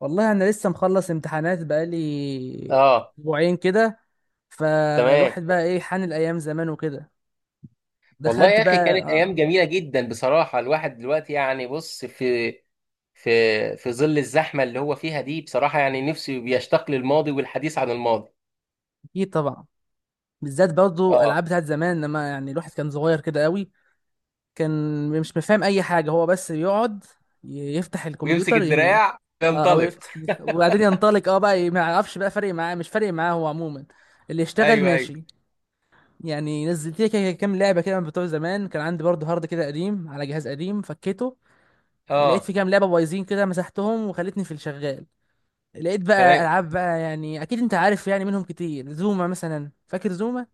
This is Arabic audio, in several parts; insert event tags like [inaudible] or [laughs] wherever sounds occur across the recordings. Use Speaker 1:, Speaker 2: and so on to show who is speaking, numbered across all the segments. Speaker 1: والله انا لسه مخلص امتحانات بقالي
Speaker 2: اه.
Speaker 1: اسبوعين كده.
Speaker 2: تمام.
Speaker 1: فالواحد بقى ايه حان الايام زمان وكده.
Speaker 2: والله
Speaker 1: دخلت
Speaker 2: يا
Speaker 1: بقى
Speaker 2: اخي، كانت ايام جميله جدا بصراحه. الواحد دلوقتي يعني بص، في في ظل الزحمه اللي هو فيها دي، بصراحه يعني نفسه بيشتاق للماضي والحديث عن الماضي.
Speaker 1: اكيد طبعا. بالذات برضه
Speaker 2: اه.
Speaker 1: العاب بتاعت زمان لما يعني الواحد كان صغير كده قوي. كان مش مفهم اي حاجه، هو بس يقعد يفتح
Speaker 2: ويمسك
Speaker 1: الكمبيوتر ي...
Speaker 2: الدراع
Speaker 1: آه، او
Speaker 2: وينطلق.
Speaker 1: يفتح وبعدين ينطلق، بقى ما يعرفش بقى فارق معاه مش فارق معاه، هو عموما اللي يشتغل
Speaker 2: ايوه ايوه.
Speaker 1: ماشي. يعني نزلت لي كده كام لعبه كده من بتوع زمان، كان عندي برضه هارد كده قديم على جهاز قديم فكيته. لقيت
Speaker 2: اه.
Speaker 1: في كام لعبه بايظين كده مسحتهم وخلتني في الشغال. لقيت بقى
Speaker 2: تمام.
Speaker 1: العاب بقى، يعني اكيد انت عارف، يعني منهم كتير، زوما مثلا، فاكر زوما؟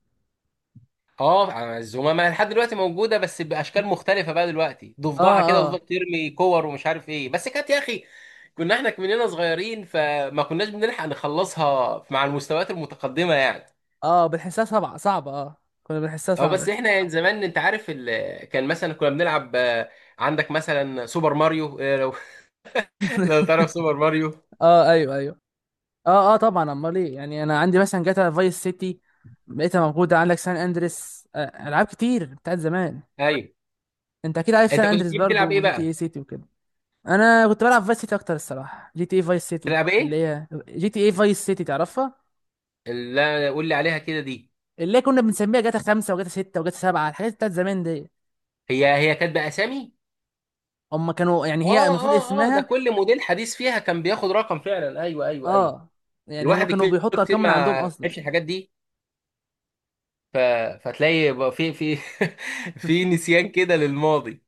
Speaker 2: اه الزمامه يعني لحد دلوقتي موجوده، بس باشكال مختلفه بقى. دلوقتي
Speaker 1: اه
Speaker 2: ضفدعه كده وتفضل
Speaker 1: اه
Speaker 2: ترمي كور ومش عارف ايه، بس كانت يا اخي. كنا احنا مننا صغيرين فما كناش بنلحق نخلصها مع المستويات المتقدمه يعني.
Speaker 1: اه بنحسها صعبه صعبه، اه. كنا بنحسها
Speaker 2: اه بس
Speaker 1: صعبه.
Speaker 2: احنا يعني زمان انت عارف كان مثلا كنا بنلعب، عندك مثلا سوبر ماريو. لو [laughs] لو
Speaker 1: [laughs]
Speaker 2: تعرف سوبر ماريو.
Speaker 1: اه ايوه ايوه. اه اه طبعا، امال ايه؟ يعني انا عندي مثلا جاتا فايس سيتي، لقيتها موجوده، عندك سان اندريس، العاب كتير بتاعت زمان.
Speaker 2: ايوه.
Speaker 1: انت اكيد عارف سان
Speaker 2: انت كنت
Speaker 1: اندريس
Speaker 2: بتحب
Speaker 1: برضو
Speaker 2: تلعب ايه
Speaker 1: وجي تي اي
Speaker 2: بقى؟
Speaker 1: سيتي وكده. انا كنت بلعب فايس سيتي اكتر الصراحه، جي تي اي فايس سيتي،
Speaker 2: تلعب
Speaker 1: اللي
Speaker 2: ايه؟
Speaker 1: هي جي تي اي فايس سيتي، تعرفها.
Speaker 2: لا، قول لي عليها كده دي.
Speaker 1: اللي كنا بنسميها جاتا خمسة وجاتا ستة وجاتا سبعة، الحاجات بتاعت زمان دي.
Speaker 2: هي كانت باسامي؟
Speaker 1: هم كانوا يعني، هي
Speaker 2: اه
Speaker 1: المفروض
Speaker 2: اه اه، ده
Speaker 1: اسمها.
Speaker 2: كل موديل حديث فيها كان بياخد رقم فعلا. ايوه ايوه ايوه.
Speaker 1: اه، يعني هم
Speaker 2: الواحد
Speaker 1: كانوا
Speaker 2: كبير
Speaker 1: بيحطوا
Speaker 2: كتير
Speaker 1: ارقام
Speaker 2: ما
Speaker 1: من عندهم اصلا.
Speaker 2: عرفش الحاجات دي. ف... فتلاقي بقى في [laughs] في نسيان كده للماضي.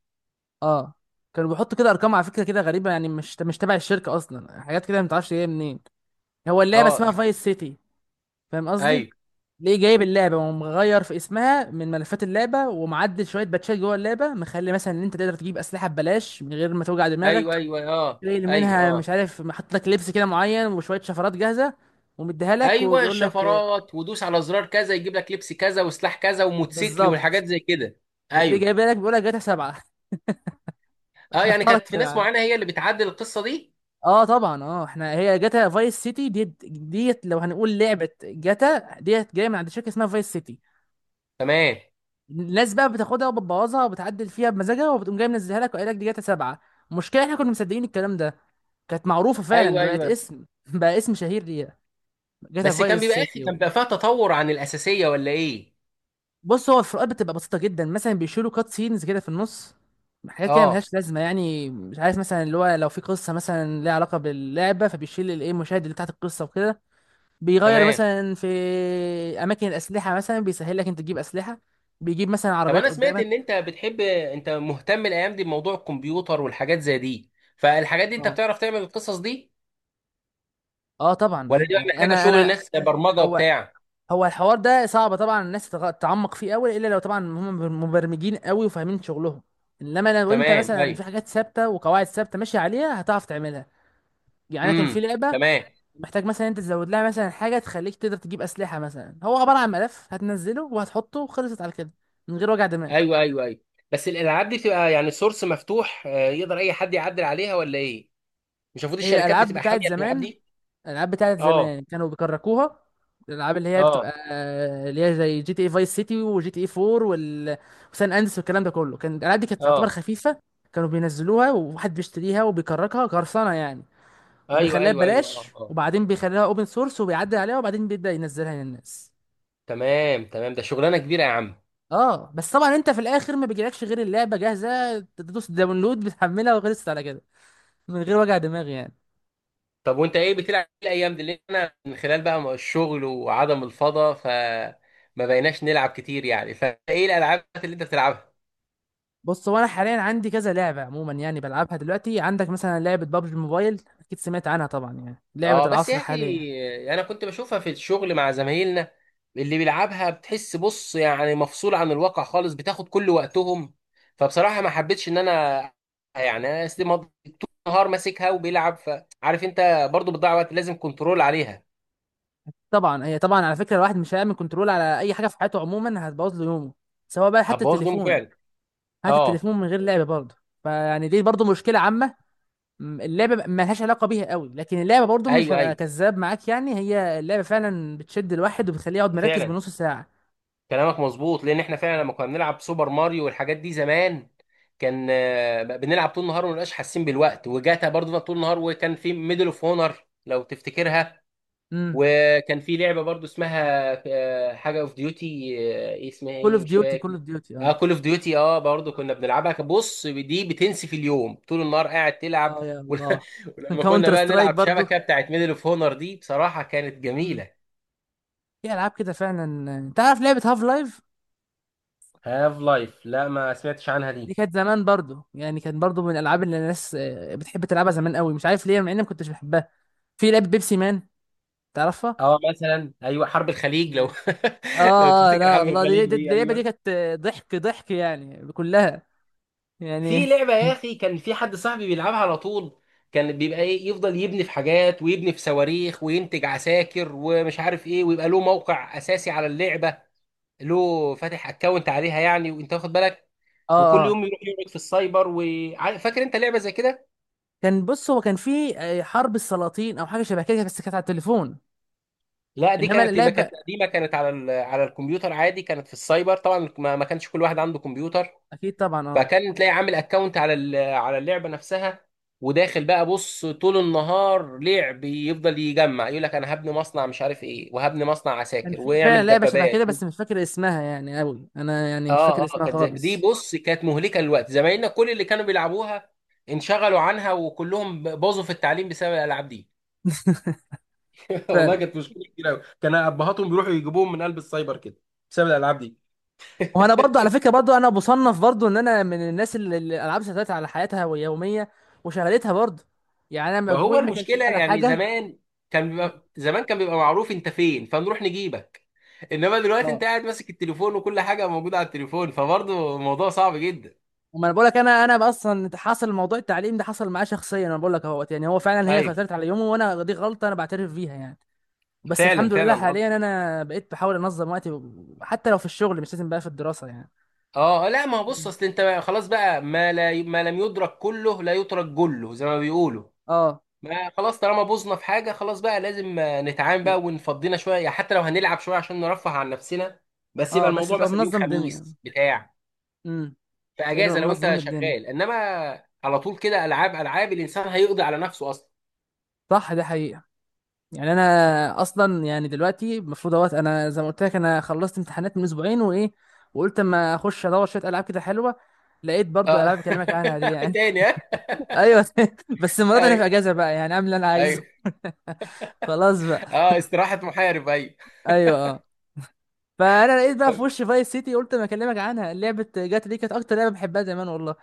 Speaker 1: اه كانوا بيحطوا كده ارقام على فكرة كده غريبة، يعني مش تبع الشركة اصلا، حاجات كده ما تعرفش جايه منين. هو اللعبة
Speaker 2: اه
Speaker 1: اسمها فايس سيتي، فاهم قصدي؟
Speaker 2: ايوه
Speaker 1: ليه جايب اللعبة ومغير في اسمها من ملفات اللعبة ومعدل شوية باتشات جوه اللعبة، مخلي مثلا ان انت تقدر تجيب اسلحة ببلاش من غير ما توجع
Speaker 2: ايوه
Speaker 1: دماغك.
Speaker 2: ايوه اه
Speaker 1: شايل
Speaker 2: ايوه
Speaker 1: منها مش
Speaker 2: اه.
Speaker 1: عارف، محط لك لبس كده معين وشويه شفرات جاهزه ومديها لك
Speaker 2: ايوه
Speaker 1: وبيقول لك
Speaker 2: الشفرات، ودوس على زرار كذا يجيب لك لبس كذا وسلاح كذا وموتوسيكل
Speaker 1: بالظبط.
Speaker 2: والحاجات زي كده.
Speaker 1: وتلاقيه
Speaker 2: ايوه.
Speaker 1: جايبها لك بيقول لك جاتا سبعه. [laughs]
Speaker 2: اه يعني
Speaker 1: حاطها لك
Speaker 2: كانت في ناس معينه هي اللي بتعدل القصه دي.
Speaker 1: اه طبعا، اه احنا هي جاتا فايس سيتي ديت ديت، لو هنقول لعبه جاتا، ديت جايه من عند شركه اسمها فايس سيتي.
Speaker 2: تمام.
Speaker 1: الناس بقى بتاخدها وبتبوظها وبتعدل فيها بمزاجها وبتقوم جايه منزلها لك وقايل لك دي جاتا سبعه. المشكله احنا كنا مصدقين الكلام ده. كانت معروفه فعلا
Speaker 2: ايوه
Speaker 1: دلوقتي،
Speaker 2: ايوه.
Speaker 1: اسم [laughs] بقى اسم شهير ليها، جاتا
Speaker 2: بس كان
Speaker 1: فايس
Speaker 2: بيبقى اخي،
Speaker 1: سيتي.
Speaker 2: كان بيبقى فيها تطور عن الاساسيه ولا ايه؟
Speaker 1: بص، هو الفروقات بتبقى بسيطة جدا، مثلا بيشيلوا كات سينز كده في النص، حاجات كده
Speaker 2: اه.
Speaker 1: ملهاش لازمة. يعني مش عارف، مثلا اللي هو لو في قصة مثلا ليها علاقة باللعبة فبيشيل الايه، المشاهد اللي تحت القصة وكده. بيغير
Speaker 2: تمام.
Speaker 1: مثلا في أماكن الأسلحة، مثلا بيسهل لك أنت تجيب أسلحة، بيجيب مثلا
Speaker 2: طب
Speaker 1: عربيات
Speaker 2: انا سمعت ان
Speaker 1: قدامك.
Speaker 2: انت بتحب، انت مهتم الايام دي بموضوع الكمبيوتر والحاجات زي دي. فالحاجات دي انت
Speaker 1: اه
Speaker 2: بتعرف تعمل القصص دي؟
Speaker 1: اه طبعا
Speaker 2: ولا دي
Speaker 1: ايوه،
Speaker 2: بقى
Speaker 1: يعني
Speaker 2: محتاجه
Speaker 1: أنا
Speaker 2: شغل
Speaker 1: أنا
Speaker 2: ناس، برمجه
Speaker 1: هو
Speaker 2: وبتاع.
Speaker 1: هو الحوار ده صعب طبعا، الناس تتعمق فيه قوي، إلا لو طبعا هم مبرمجين قوي وفاهمين شغلهم. انما لو انت
Speaker 2: تمام
Speaker 1: مثلا في
Speaker 2: ايوه.
Speaker 1: حاجات ثابته وقواعد ثابته ماشي عليها هتعرف تعملها. يعني انا كان في
Speaker 2: امم.
Speaker 1: لعبه
Speaker 2: تمام
Speaker 1: محتاج مثلا انت تزود لها مثلا حاجه تخليك تقدر تجيب اسلحه، مثلا هو عباره عن ملف هتنزله وهتحطه وخلصت على كده، من غير وجع دماغ.
Speaker 2: ايوه ايوه ايوه. بس الالعاب دي بتبقى يعني سورس مفتوح، يقدر اي حد يعدل عليها ولا ايه؟ مش المفروض
Speaker 1: هي
Speaker 2: الشركات
Speaker 1: العاب
Speaker 2: بتبقى حاميه
Speaker 1: بتاعت
Speaker 2: الالعاب
Speaker 1: زمان،
Speaker 2: دي؟
Speaker 1: العاب بتاعت زمان
Speaker 2: اه
Speaker 1: كانوا بيكركوها. الالعاب اللي هي بتبقى،
Speaker 2: اه
Speaker 1: اللي هي زي جي تي اي فايس سيتي وجي تي اي 4 وسان اندرس والكلام ده كله، كان الالعاب دي كانت تعتبر
Speaker 2: اه
Speaker 1: خفيفه. كانوا بينزلوها وواحد بيشتريها وبيكركها، قرصنه يعني،
Speaker 2: ايوه
Speaker 1: وبيخليها
Speaker 2: ايوه ايوه
Speaker 1: ببلاش،
Speaker 2: اه اه.
Speaker 1: وبعدين بيخليها اوبن سورس وبيعدل عليها وبعدين بيبدأ ينزلها للناس.
Speaker 2: تمام تمام. ده شغلانه كبيره يا عم.
Speaker 1: اه بس طبعا انت في الاخر ما بيجيلكش غير اللعبه جاهزه، تدوس داونلود بتحملها وخلصت على كده، من غير وجع دماغ يعني.
Speaker 2: طب وانت ايه بتلعب إيه الايام دي؟ لان انا من خلال بقى الشغل وعدم الفضا، ف ما بقيناش نلعب كتير يعني. فايه الالعاب اللي انت بتلعبها؟
Speaker 1: بص، هو انا حاليا عندي كذا لعبه عموما يعني بلعبها دلوقتي، عندك مثلا لعبه بابجي موبايل، اكيد سمعت عنها طبعا، يعني لعبه
Speaker 2: اه بس
Speaker 1: العصر
Speaker 2: يا اخي،
Speaker 1: حاليا.
Speaker 2: انا كنت بشوفها في الشغل مع زمايلنا. اللي بيلعبها، بتحس بص يعني مفصول عن الواقع خالص، بتاخد كل وقتهم. فبصراحة ما حبيتش ان انا يعني انا أسلم- طول النهار ماسكها وبيلعب، فعارف انت برضو بتضيع وقت، لازم كنترول عليها.
Speaker 1: طبعا، هي طبعا على فكره الواحد مش هيعمل كنترول على اي حاجه في حياته عموما هتبوظ له يومه، سواء بقى حتى
Speaker 2: هتبوظ يومه
Speaker 1: التليفون،
Speaker 2: فعلا.
Speaker 1: حتى
Speaker 2: اه
Speaker 1: التليفون من غير لعبه برضه. فيعني دي برضه مشكله عامه، اللعبه ما لهاش علاقه بيها قوي، لكن اللعبه برضو مش
Speaker 2: ايوه
Speaker 1: هبقى
Speaker 2: ايوه.
Speaker 1: كذاب معاك، يعني هي اللعبه فعلا بتشد الواحد وبتخليه يقعد مركز
Speaker 2: فعلا،
Speaker 1: بنص ساعه.
Speaker 2: كلامك مظبوط. لان احنا فعلا لما كنا بنلعب سوبر ماريو والحاجات دي زمان، كان بنلعب طول النهار وما بنبقاش حاسين بالوقت. وجاتا برضه طول النهار، وكان في ميدل اوف هونر لو تفتكرها.
Speaker 1: امم
Speaker 2: وكان في لعبه برضه اسمها حاجه اوف ديوتي، ايه اسمها
Speaker 1: كول
Speaker 2: ايه
Speaker 1: اوف
Speaker 2: مش
Speaker 1: ديوتي كول
Speaker 2: فاكر.
Speaker 1: اوف ديوتي،
Speaker 2: اه
Speaker 1: اه.
Speaker 2: كول اوف ديوتي. اه برضه
Speaker 1: مم.
Speaker 2: كنا بنلعبها. بص دي بتنسي في اليوم، طول النهار قاعد تلعب.
Speaker 1: اه يا
Speaker 2: [laughs] ول-
Speaker 1: الله. من
Speaker 2: ولما كنا
Speaker 1: كاونتر
Speaker 2: بقى
Speaker 1: سترايك
Speaker 2: نلعب
Speaker 1: برضو.
Speaker 2: شبكه بتاعت ميدل اوف هونر دي بصراحه كانت
Speaker 1: امم
Speaker 2: جميله.
Speaker 1: في العاب كده فعلا، تعرف لعبه هاف لايف؟
Speaker 2: هاف لايف؟ لا ما سمعتش عنها
Speaker 1: دي
Speaker 2: دي.
Speaker 1: كانت زمان برضو، يعني كانت برضو من الالعاب اللي الناس بتحب تلعبها زمان قوي، مش عارف ليه، مع اني ما كنتش بحبها. في لعبه بيبسي مان، تعرفها؟
Speaker 2: اه مثلا ايوه حرب
Speaker 1: بيبسي
Speaker 2: الخليج لو
Speaker 1: مان.
Speaker 2: [laughs] لو
Speaker 1: اه
Speaker 2: تفتكر
Speaker 1: لا
Speaker 2: حرب
Speaker 1: الله،
Speaker 2: الخليج دي،
Speaker 1: دي اللعبه دي
Speaker 2: ايوه.
Speaker 1: كانت ضحك ضحك يعني كلها، يعني.
Speaker 2: في لعبه يا
Speaker 1: [laughs]
Speaker 2: اخي، كان في حد صاحبي بيلعبها على طول. كان بيبقى ايه، يفضل يبني في حاجات ويبني في صواريخ وينتج عساكر ومش عارف ايه، ويبقى له موقع اساسي على اللعبه. له فاتح اكونت عليها يعني، وانت واخد بالك.
Speaker 1: اه
Speaker 2: وكل
Speaker 1: اه
Speaker 2: يوم يروح يقعد في السايبر. وعارف، فاكر انت لعبه زي كده؟
Speaker 1: كان بص، هو كان في حرب السلاطين او حاجه شبه كده، بس كانت على التليفون،
Speaker 2: لا دي
Speaker 1: انما
Speaker 2: كانت، ما كانت
Speaker 1: اللعبه.
Speaker 2: قديمه، كانت على الكمبيوتر عادي. كانت في السايبر طبعا ما كانش كل واحد عنده كمبيوتر.
Speaker 1: اكيد طبعا، اه.
Speaker 2: فكان تلاقي عامل اكونت على اللعبه نفسها. وداخل بقى بص طول النهار لعب، يفضل يجمع. يقول لك انا هبني مصنع مش عارف ايه، وهبني مصنع
Speaker 1: كان
Speaker 2: عساكر
Speaker 1: في فعلا
Speaker 2: ويعمل
Speaker 1: لعبه شبه
Speaker 2: دبابات.
Speaker 1: كده بس مش فاكر اسمها يعني قوي، انا يعني مش
Speaker 2: اه
Speaker 1: فاكر
Speaker 2: اه.
Speaker 1: اسمها
Speaker 2: كانت دي
Speaker 1: خالص.
Speaker 2: بص كانت مهلكه للوقت. زمايلنا كل اللي كانوا بيلعبوها انشغلوا عنها، وكلهم باظوا في التعليم بسبب الالعاب دي. [laughs] والله
Speaker 1: فعلا.
Speaker 2: كانت مشكله كبيره قوي. كان ابهاتهم بيروحوا يجيبوهم من قلب السايبر كده بسبب الالعاب دي.
Speaker 1: وانا برضو
Speaker 2: [laughs]
Speaker 1: على فكره، برضو انا بصنف برضو ان انا من الناس اللي الالعاب سيطرت على حياتها ويوميه وشغلتها برضو. يعني انا
Speaker 2: ما هو
Speaker 1: مجموعي ما كانش
Speaker 2: المشكله
Speaker 1: اعلى
Speaker 2: يعني
Speaker 1: حاجه.
Speaker 2: زمان، كان
Speaker 1: مم.
Speaker 2: بيبقى زمان كان بيبقى معروف انت فين فنروح نجيبك. انما دلوقتي
Speaker 1: اه.
Speaker 2: انت قاعد ماسك التليفون، وكل حاجه موجوده على التليفون، فبرضه الموضوع صعب جدا.
Speaker 1: وما انا بقول لك، انا اصلا حصل موضوع التعليم ده، حصل معايا شخصيا، انا بقول لك اهوت، يعني هو فعلا هي
Speaker 2: ايوه،
Speaker 1: سيطرت على يومه، وانا دي غلطه انا بعترف بيها يعني. بس
Speaker 2: فعلا
Speaker 1: الحمد
Speaker 2: فعلا
Speaker 1: لله
Speaker 2: غلط.
Speaker 1: حاليا انا بقيت بحاول انظم وقتي، حتى لو في الشغل مش لازم بقى، في الدراسه يعني.
Speaker 2: اه لا ما هو بص،
Speaker 1: مم.
Speaker 2: اصل انت خلاص بقى. ما لا، ما لم يدرك كله لا يترك جله زي ما بيقولوا.
Speaker 1: اه
Speaker 2: ما خلاص، طالما بوظنا في حاجه خلاص بقى لازم نتعامل بقى ونفضينا شويه، يعني حتى لو هنلعب شويه عشان نرفه عن نفسنا. بس يبقى
Speaker 1: اه بس
Speaker 2: الموضوع
Speaker 1: تبقى
Speaker 2: مثلا يوم
Speaker 1: منظم دنيا.
Speaker 2: خميس بتاع،
Speaker 1: امم
Speaker 2: في
Speaker 1: بقينا
Speaker 2: اجازه
Speaker 1: نبقى
Speaker 2: لو انت
Speaker 1: منظمين الدنيا.
Speaker 2: شغال. انما على طول كده، العاب العاب الانسان هيقضي على نفسه اصلا.
Speaker 1: صح، ده حقيقه. يعني انا اصلا يعني دلوقتي المفروض اهوت، انا زي ما قلت لك انا خلصت امتحانات من اسبوعين وايه، وقلت اما اخش ادور شويه العاب كده حلوه، لقيت برضو
Speaker 2: اه.
Speaker 1: العاب بكلمك عنها دي
Speaker 2: [laughs]
Speaker 1: يعني.
Speaker 2: تاني ها؟
Speaker 1: [laughs] ايوه. [laughs] بس المره دي انا
Speaker 2: ايوه
Speaker 1: في اجازه بقى، يعني اعمل اللي انا عايزه.
Speaker 2: ايوه.
Speaker 1: [laughs] خلاص بقى.
Speaker 2: اه استراحه محارب، ايوه.
Speaker 1: ايوه. فانا لقيت بقى في وش فايس سيتي، قلت ما اكلمك عنها، لعبه جاتا دي كانت اكتر لعبه بحبها زمان والله،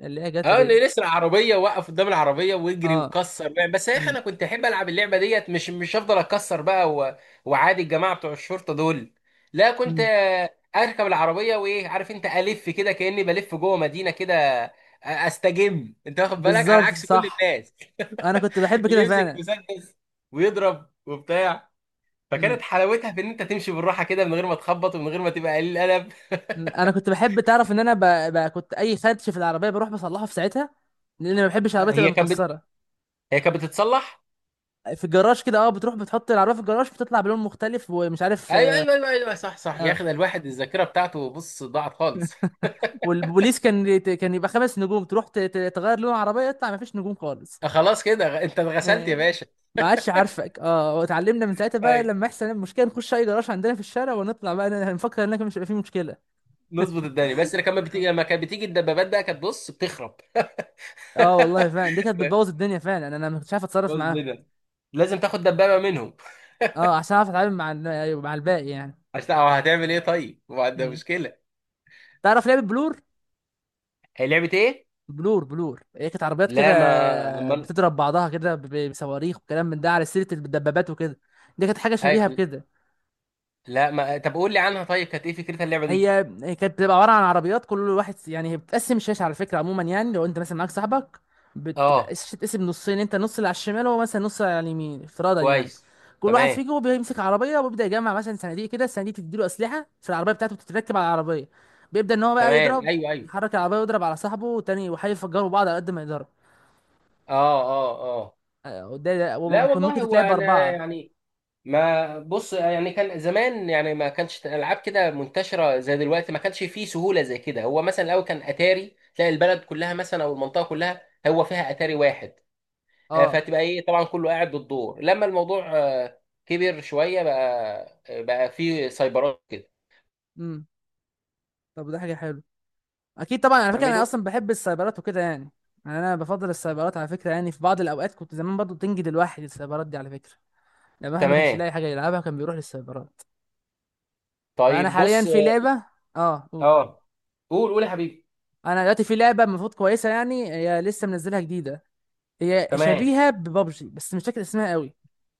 Speaker 1: اللي هي جاتا
Speaker 2: اه انه
Speaker 1: دي.
Speaker 2: يسرق عربيه، وقف قدام العربيه ويجري
Speaker 1: اه.
Speaker 2: ويكسر بقى. بس يا اخي
Speaker 1: امم.
Speaker 2: انا كنت احب العب اللعبه ديت مش هفضل اكسر بقى وعادي الجماعه بتوع الشرطه دول. لا، كنت
Speaker 1: امم.
Speaker 2: اركب العربيه وايه. عارف انت الف كده كاني بلف جوه مدينه كده، استجم انت واخد بالك، على
Speaker 1: بالظبط،
Speaker 2: عكس كل
Speaker 1: صح.
Speaker 2: الناس.
Speaker 1: انا كنت بحب
Speaker 2: [laughs] اللي
Speaker 1: كده
Speaker 2: يمسك
Speaker 1: فعلا.
Speaker 2: مسدس ويضرب وبتاع. فكانت
Speaker 1: امم.
Speaker 2: حلاوتها في ان انت تمشي بالراحه كده من غير ما تخبط ومن غير ما تبقى قليل القلب.
Speaker 1: أمم. انا كنت بحب، تعرف ان انا كنت اي خدش في العربيه بروح بصلحه في ساعتها، لان ما بحبش العربيه تبقى
Speaker 2: هي كانت بت...
Speaker 1: مكسره.
Speaker 2: هي كانت بتتصلح.
Speaker 1: في الجراج كده، اه بتروح بتحط العربيه في الجراج بتطلع بلون مختلف ومش عارف،
Speaker 2: ايوه
Speaker 1: اه.
Speaker 2: ايوه ايوه ايوه صح صح يا
Speaker 1: آه.
Speaker 2: اخي. ده الواحد الذاكره بتاعته بص ضاعت خالص.
Speaker 1: والبوليس كان يبقى 5 نجوم، تروح تغير لون العربيه يطلع ما فيش نجوم خالص.
Speaker 2: [laughs] خلاص كده، انت اتغسلت يا
Speaker 1: آه.
Speaker 2: باشا.
Speaker 1: ما عادش عارفك، اه، واتعلمنا من ساعتها بقى
Speaker 2: ايوه،
Speaker 1: لما يحصل المشكله نخش اي جراج عندنا في الشارع ونطلع بقى نفكر انك مش هيبقى فيه مشكله.
Speaker 2: نظبط الدنيا. بس لما كانت بتيجي،
Speaker 1: اه
Speaker 2: لما كانت بتيجي الدبابات بقى، كانت بص بتخرب.
Speaker 1: والله فعلا دي كانت بتبوظ
Speaker 2: [laughs]
Speaker 1: الدنيا فعلا، انا ما كنتش عارف اتصرف
Speaker 2: بص
Speaker 1: معاها.
Speaker 2: كده، لازم تاخد دبابه منهم.
Speaker 1: اه عشان اعرف اتعامل أيوة، مع الباقي يعني.
Speaker 2: عشان أو هتعمل ايه طيب؟ ما ده
Speaker 1: مم.
Speaker 2: مشكله.
Speaker 1: تعرف لعبه بلور؟
Speaker 2: هي لعبه ايه؟
Speaker 1: بلور بلور، هي كانت عربيات كده
Speaker 2: لا ما أمال-
Speaker 1: بتضرب بعضها كده بصواريخ وكلام من ده، على سيره الدبابات وكده، دي كانت حاجه شبيهه
Speaker 2: أي-
Speaker 1: بكده.
Speaker 2: لا ما طب قول لي عنها طيب، كانت ايه فكرتها اللعبه دي.
Speaker 1: هي هي كانت بتبقى عباره عن عربيات، كل واحد يعني هي بتقسم الشاشه على فكره عموما، يعني لو انت مثلا معاك صاحبك بتبقى
Speaker 2: اه،
Speaker 1: الشاشه بتتقسم نصين، انت النص اللي على الشمال وهو مثلا النص اللي على اليمين افتراضا يعني.
Speaker 2: كويس.
Speaker 1: كل واحد
Speaker 2: تمام.
Speaker 1: فيكم بيمسك عربيه وبيبدا يجمع مثلا صناديق كده، الصناديق تديله اسلحه في العربيه بتاعته بتتركب على العربيه، بيبدا ان هو بقى
Speaker 2: تمام
Speaker 1: يضرب،
Speaker 2: ايوه ايوه
Speaker 1: يحرك العربيه ويضرب على صاحبه والتاني وحي يفجروا بعض على قد ما يقدروا.
Speaker 2: اه اه اه. لا
Speaker 1: وممكن ممكن
Speaker 2: والله هو
Speaker 1: تتلعب
Speaker 2: انا
Speaker 1: ب4.
Speaker 2: يعني، ما بص يعني كان زمان يعني ما كانش العاب كده منتشره زي دلوقتي. ما كانش فيه سهوله زي كده، هو مثلا الاول كان اتاري، تلاقي البلد كلها مثلا او المنطقه كلها هو فيها اتاري واحد،
Speaker 1: اه.
Speaker 2: فتبقى ايه طبعا كله قاعد بالدور. لما الموضوع كبر شويه بقى، بقى فيه سايبرات كده.
Speaker 1: امم. طب ده حاجه حلوه. اكيد طبعا على فكره، انا
Speaker 2: تعمله.
Speaker 1: اصلا بحب السايبرات وكده يعني. يعني انا بفضل السايبرات على فكره، يعني في بعض الاوقات كنت زمان برضو تنجد الواحد السايبرات دي على فكره، لما الواحد ما كانش
Speaker 2: تمام.
Speaker 1: يلاقي حاجه يلعبها كان بيروح للسايبرات. فانا
Speaker 2: طيب
Speaker 1: حاليا
Speaker 2: بص.
Speaker 1: في لعبه. اه قول.
Speaker 2: اه قول قول يا حبيبي.
Speaker 1: انا دلوقتي في لعبه المفروض كويسه، يعني هي لسه منزلها جديده، هي
Speaker 2: تمام،
Speaker 1: شبيهه ببابجي بس مش فاكر اسمها قوي.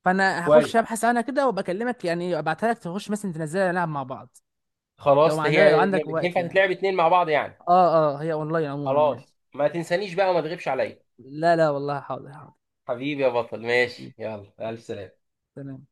Speaker 1: فانا هخش
Speaker 2: كويس.
Speaker 1: ابحث عنها كده وبكلمك، يعني ابعتها لك تخش مثلا تنزلها نلعب مع بعض، لو ما
Speaker 2: خلاص
Speaker 1: عندك لو
Speaker 2: هي
Speaker 1: عندك وقت
Speaker 2: ينفع
Speaker 1: يعني.
Speaker 2: تتلعب اتنين مع بعض يعني.
Speaker 1: اه اه، هي اونلاين عموما يعني.
Speaker 2: خلاص ما تنسانيش بقى وما تغيبش عليا.
Speaker 1: لا لا والله، حاضر حاضر.
Speaker 2: حبيبي يا بطل، ماشي، يلا ألف سلامة.
Speaker 1: تمام.